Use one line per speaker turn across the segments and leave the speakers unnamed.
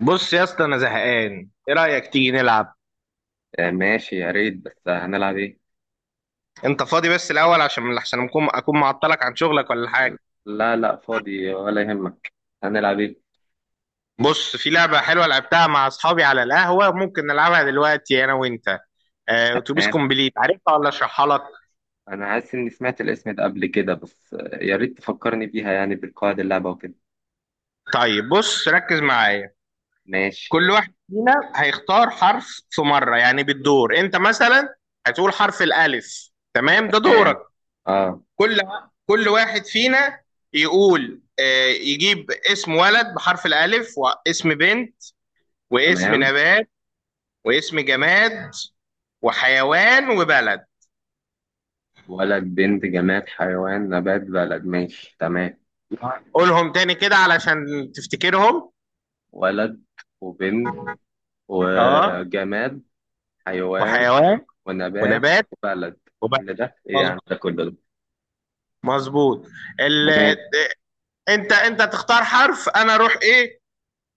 بص يا اسطى، انا زهقان. ايه رايك تيجي نلعب؟
آه، ماشي، يا ريت. بس هنلعب ايه؟
انت فاضي بس الاول، عشان اكون معطلك عن شغلك ولا حاجه؟
لا، لا، فاضي ولا يهمك. هنلعب ايه؟
بص، في لعبه حلوه لعبتها مع اصحابي على القهوه. ممكن نلعبها دلوقتي انا وانت؟ اتوبيس
تمام.
كومبليت، عارفها ولا اشرحها لك؟
انا حاسس اني سمعت الاسم ده قبل كده، بس يا ريت تفكرني بيها، يعني بالقواعد اللعبة وكده.
طيب بص، ركز معايا.
ماشي.
كل واحد فينا هيختار حرف في مره، يعني بالدور. انت مثلا هتقول حرف الالف، تمام؟ ده
تمام.
دورك.
اه.
كل كل واحد فينا يقول، يجيب اسم ولد بحرف الألف، واسم بنت، واسم
تمام.
نبات، واسم جماد، وحيوان، وبلد.
ولد، بنت، جماد، حيوان، نبات، بلد، ماشي تمام.
قولهم تاني كده علشان تفتكرهم.
ولد، وبنت،
اه.
وجماد، حيوان،
وحيوان،
ونبات،
ونبات،
وبلد.
وبلد.
كل ده ايه
مظ-
يعني؟ ده كله ده؟
مظبوط. ال...
تمام.
انت تختار حرف، انا اروح ايه؟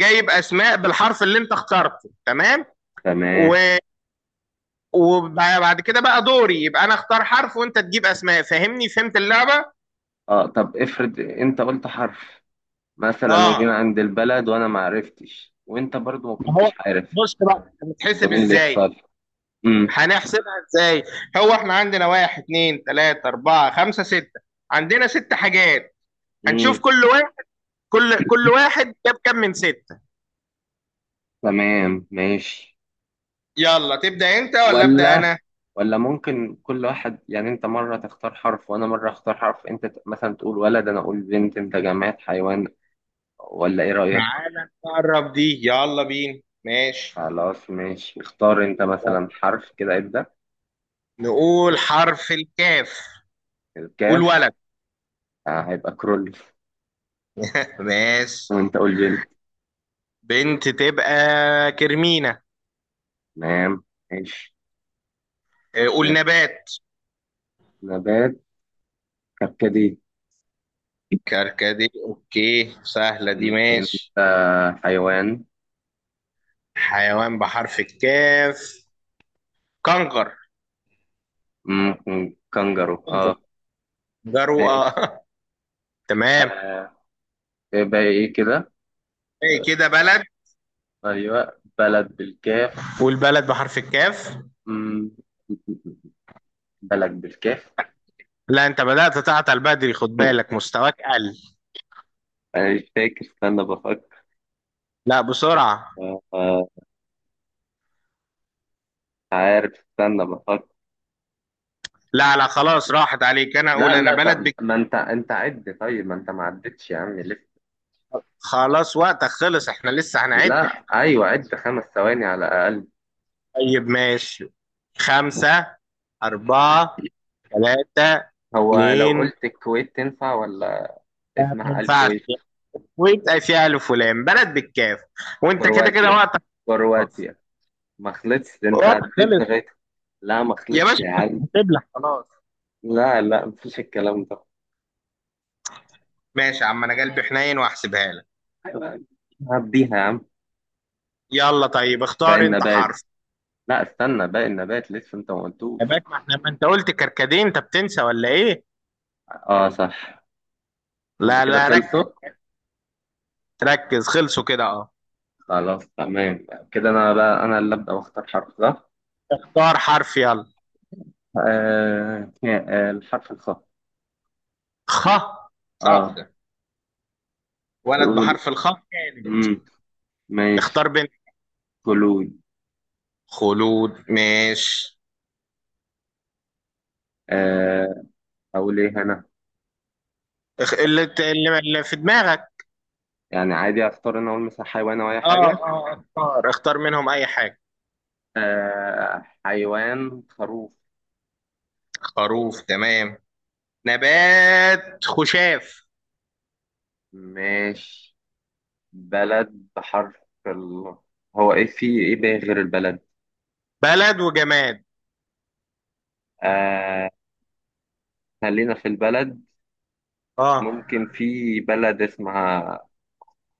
جايب اسماء بالحرف اللي انت اخترته، تمام؟ و...
تمام.
وبعد كده بقى دوري، يبقى انا اختار حرف وانت تجيب اسماء. فاهمني؟ فهمت اللعبة؟
اه، طب افرض انت قلت حرف مثلا،
اه،
وجينا عند البلد وانا ما عرفتش وانت برضو ما
ما هو
كنتش عارف،
بص بقى،
يبقى
بتحسب
مين اللي
ازاي؟
يخسر؟ امم.
هنحسبها ازاي؟ هو احنا عندنا واحد، اتنين، تلاتة، اربعة، خمسة، ستة. عندنا ست حاجات. هنشوف
امم.
كل واحد، كل واحد جاب كام من ستة.
تمام ماشي.
يلا، تبدأ انت ولا ابدأ
ولا
انا؟
ولا، ممكن كل واحد يعني، انت مرة تختار حرف وانا مرة اختار حرف، انت مثلا تقول ولد، انا اقول بنت، انت جماد حيوان، ولا ايه رأيك؟
تعالى نقرب دي، يلا بينا ماشي.
خلاص ماشي، اختار انت مثلا
يلا.
حرف كده، ابدأ.
نقول حرف الكاف. قول
الكاف.
ولد.
آه، هيبقى كرول.
ماشي.
وانت قول بنت.
بنت تبقى كرمينة.
تمام. ماشي.
اه، قول نبات.
نبات: كركديه.
كركديه، اوكي، سهلة دي
انت.
ماشي.
حيوان.
حيوان بحرف الكاف، كنغر.
ممكن كنجرو، اه.
جرو.
ماشي.
تمام.
آه. يبقى ايه كده؟
ايه كده؟ بلد.
ايوه، بلد بالكاف.
والبلد بحرف الكاف.
م- بلد بالكاف.
لا، انت بدأت تعطل بدري، خد بالك، مستواك قل.
انا مش فاكر، استنى بفكر.
لا، بسرعة.
آه، آه، عارف، استنى بفكر.
لا لا، خلاص راحت عليك، انا
لا،
اقول انا
لا،
بلد
طب
بك.
ما انت عد، طيب ما انت ما عدتش يا عم لسه.
خلاص، وقتك خلص، احنا لسه هنعد.
لا. ايوه، عد 5 ثواني على الاقل.
طيب ماشي. خمسة، أربعة، ثلاثة،
هو لو
اتنين.
قلت الكويت، تنفع ولا؟
لا، ما
اسمها
ينفعش،
الكويت.
ويبقى فيها ألف ولام، بلد بالكاف. وأنت كده كده
كرواتيا!
وقتك. خلاص
كرواتيا! ما خلصش، ده انت
وقتك
عديت
خلص.
لغايه. لا، ما
يا
خلصش
باشا
يا
كنت
عم.
هتبلع، خلاص.
لا، لا، مفيش الكلام ده.
ماشي يا عم، أنا قلبي حنين وهحسبها لك.
أيوة، هديها يا عم.
يلا طيب،
باقي
اختار انت
النبات.
حرف.
لا، استنى، باقي النبات لسه، انت ما
يا
قلتوش.
باك، ما احنا، ما انت قلت كركديه؟ انت بتنسى ولا ايه؟
اه، صح. هما
لا
كده
لا،
خلصوا؟
ركز. ركز، خلصوا كده، اه.
خلاص، تمام. كده انا بقى، انا اللي ابدا واختار حرف، صح؟
اختار حرف يلا.
آه، آه، الحرف الخاء.
خ. صعب
اه.
ده. ولد
اقول.
بحرف الخاء كانت.
امم. ماشي.
اختار بنت.
فلوي.
خلود، ماشي.
آه. اقول ايه انا؟
اخ... اللي... ت- اللي اللي في دماغك.
يعني عادي، اختار؟ انا اقول مثلا حيوان او اي حاجه.
اه اه، اختار منهم اي حاجة.
آه، حيوان: خروف.
خروف، تمام. نبات، خشاف.
ماشي. بلد بحرف ال. هو ايه في ايه بقى غير البلد؟
بلد وجماد.
آه. خلينا في البلد.
اه.
ممكن في بلد اسمها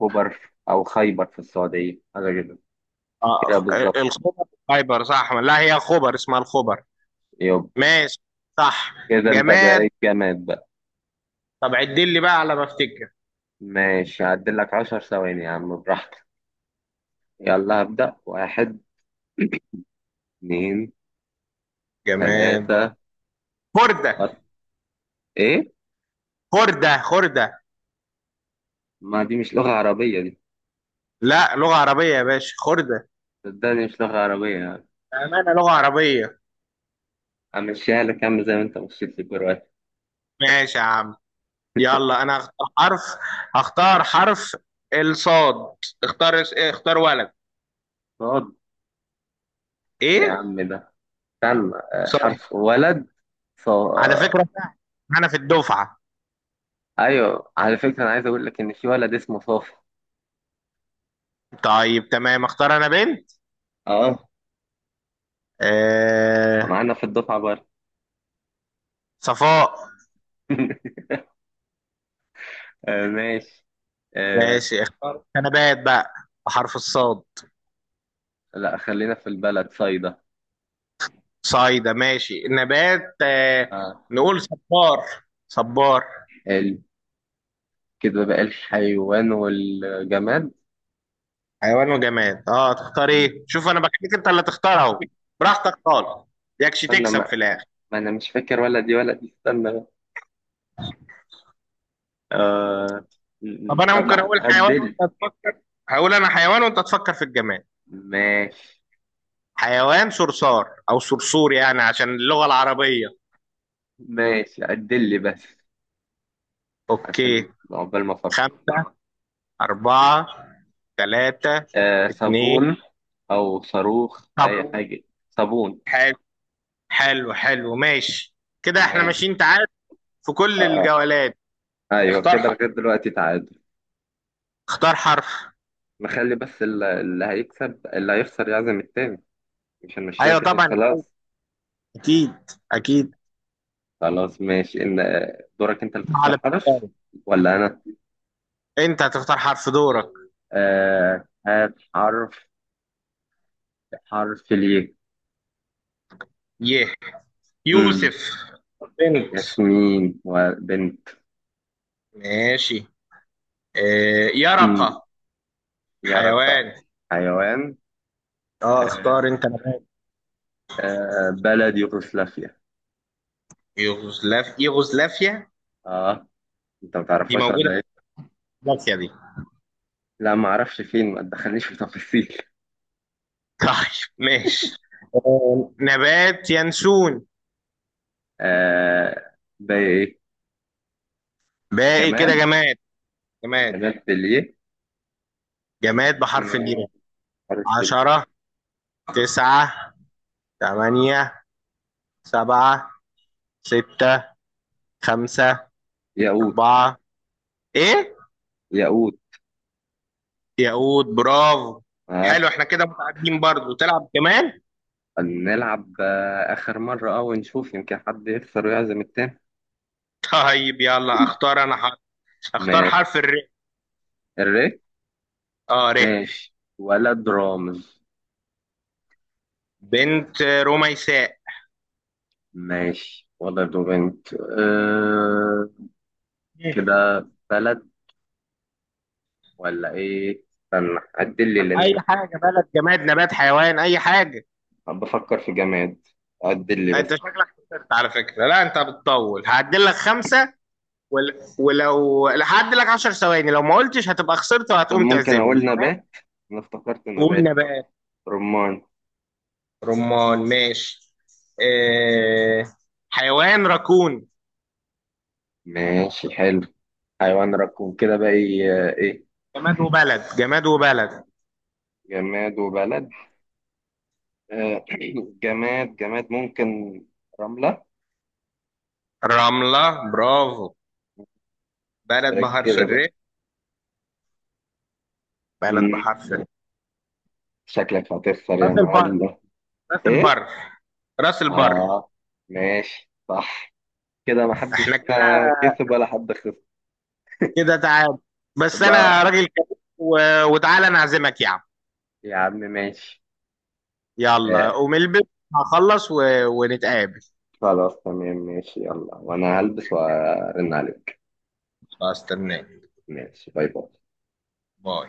خبر او خيبر في السعودية، حاجة كده. كده
اه،
بالظبط.
الخبر. خيبر؟ صح. لا، هي خبر، اسمها الخبر.
يب.
ماشي. صح.
كده انت
جماد.
بقيت جامد بقى.
طب عدل لي بقى على ما افتكر.
ماشي، هعدل لك 10 ثواني يا عم، براحتك. يلا هبدأ. واحد. اتنين.
جماد،
تلاتة. أربعة.
خردة.
ايه؟
خردة خردة.
ما دي مش لغة عربية دي.
لا، لغة عربية يا باشا، خردة.
صدقني مش لغة عربية.
أمانة لغة عربية.
همشيها لك يا عم زي ما انت مشيت لي كرواتي.
ماشي يا عم. يلا أنا هختار حرف. هختار حرف الصاد. اختار ولد.
يا
إيه؟
عم، ده استنى.
صاد.
حرف ولد. صو...
على
آه،
فكرة، أنا في الدفعة.
ايوه، على فكره، انا عايز اقول لك ان في ولد اسمه صافي.
طيب تمام، اختار أنا بنت.
اه،
آه...
معانا في الدفعه برضه.
صفاء.
آه، ماشي. آه.
ماشي، اختار أنا بقى بحرف الصاد.
لا، خلينا في البلد: صيدا.
صايدة، ماشي. نبات،
آه.
نقول صبار. صبار.
ال... كده بقى الحيوان والجماد.
حيوان وجماد، اه. تختار
م.
ايه؟ شوف انا بخليك انت اللي تختار اهو. براحتك خالص. يكش
استنى،
تكسب في الاخر.
ما انا مش فاكر، ولا دي ولا دي، استنى بقى. آه... م-
طب
م.
انا
طب
ممكن اقول حيوان
عدل.
وانت تفكر. هقول انا حيوان وانت تفكر في الجماد.
ماشي.
حيوان، صرصار او صرصور، يعني عشان اللغة العربية.
ماشي، عدل لي بس، عشان
اوكي.
عقبال ما افكر.
خمسة، أربعة، ثلاثة،
آه،
اتنين.
صابون. أو صاروخ،
طب.
أي حاجة. صابون.
حلو. حلو حلو، ماشي. كده احنا
تمام.
ماشيين تعادل في كل
اه،
الجولات.
اه، أيوه كده،
اختار
لغاية دلوقتي تعادل.
اختار حرف.
نخلي بس اللي هيكسب، اللي هيخسر يعزم التاني. مش هنمشيها
ايوه
كده
طبعا،
وخلاص.
اكيد اكيد.
خلاص ماشي. إن دورك أنت اللي تختار
على
حرف،
بالتالي.
ولا أنا؟
انت هتختار حرف، دورك.
آه، هات حرف. حرف ليه؟
ي.
مم.
يوسف. بنت.
ياسمين. وبنت.
ماشي.
مم.
يرقة.
يا رب.
حيوان.
حيوان.
اه،
آه،
اختار انت نبات.
آه، بلد: يوغوسلافيا.
يغزلافيا.
اه. انت ما
دي
تعرفهاش
موجودة
ولا
في
ايه؟
يغزلافيا دي.
لا، ما اعرفش فين، ما تدخلنيش في تفاصيل.
طيب ماشي. نبات، ينسون.
آه. بايه؟
باقي كده
جمال.
جماد. جماد.
جمال بليه.
جماد بحرف
آه،
الياء.
حرف ال-.
عشرة، تسعة، تمانية، سبعة، ستة، خمسة،
ياقوت.
أربعة. إيه؟
ياقوت.
ياقوت، برافو.
اه.
حلو، إحنا كده متعادلين، برضه تلعب كمان؟
نلعب اخر مره، ونشوف يمكن حد يخسر ويعزم التاني.
طيب يلا، أختار أنا حرف. أختار
ماشي.
حرف الر.
الري.
ر.
ماشي، ولد: رامز.
بنت رميساء.
ماشي، ولد وبنت. آه. كده بلد، ولا ايه؟ استنى، عدل لي لاني
أي
مش-.
حاجة، بلد، جماد، نبات، حيوان، أي حاجة.
بفكر في جماد. عدل لي
أنت
بس.
شكلك خسرت على فكرة. لا، أنت بتطول، هعدل لك خمسة. ولو هعدل لك 10 ثواني، لو ما قلتش هتبقى خسرت
طب
وهتقوم
ممكن
تعزمني،
أقول
تمام؟
نبات؟ أنا افتكرت
قول
نبات.
نبات.
رمان.
رمان، ماشي. آه... حيوان راكون.
ماشي حلو. حيوان ركون، كده بقى إيه؟ إيه؟
جماد وبلد. جماد وبلد.
جماد وبلد. آه، جماد، جماد، ممكن رملة.
رملة، برافو. بلد
ده
بحرف
كده بقى.
الر. بلد
مم،
بحرف ال-
شكلك هتخسر يا
راس البر.
معلم.
راس
إيه؟
البر. راس البر.
آه، ماشي صح. كده
احنا
محدش
كده كده.
فينا كسب ولا حد خسر.
كده تعادل. بس
بقى.
انا راجل كبير. و... وتعالى انا اعزمك يا عم.
يا عم ماشي.
يلا
آه،
قوم البس. هخلص ونتقابل.
خلاص تمام ماشي، يلا وأنا هلبس وأرن عليك.
استناك.
ماشي، باي باي.
باي.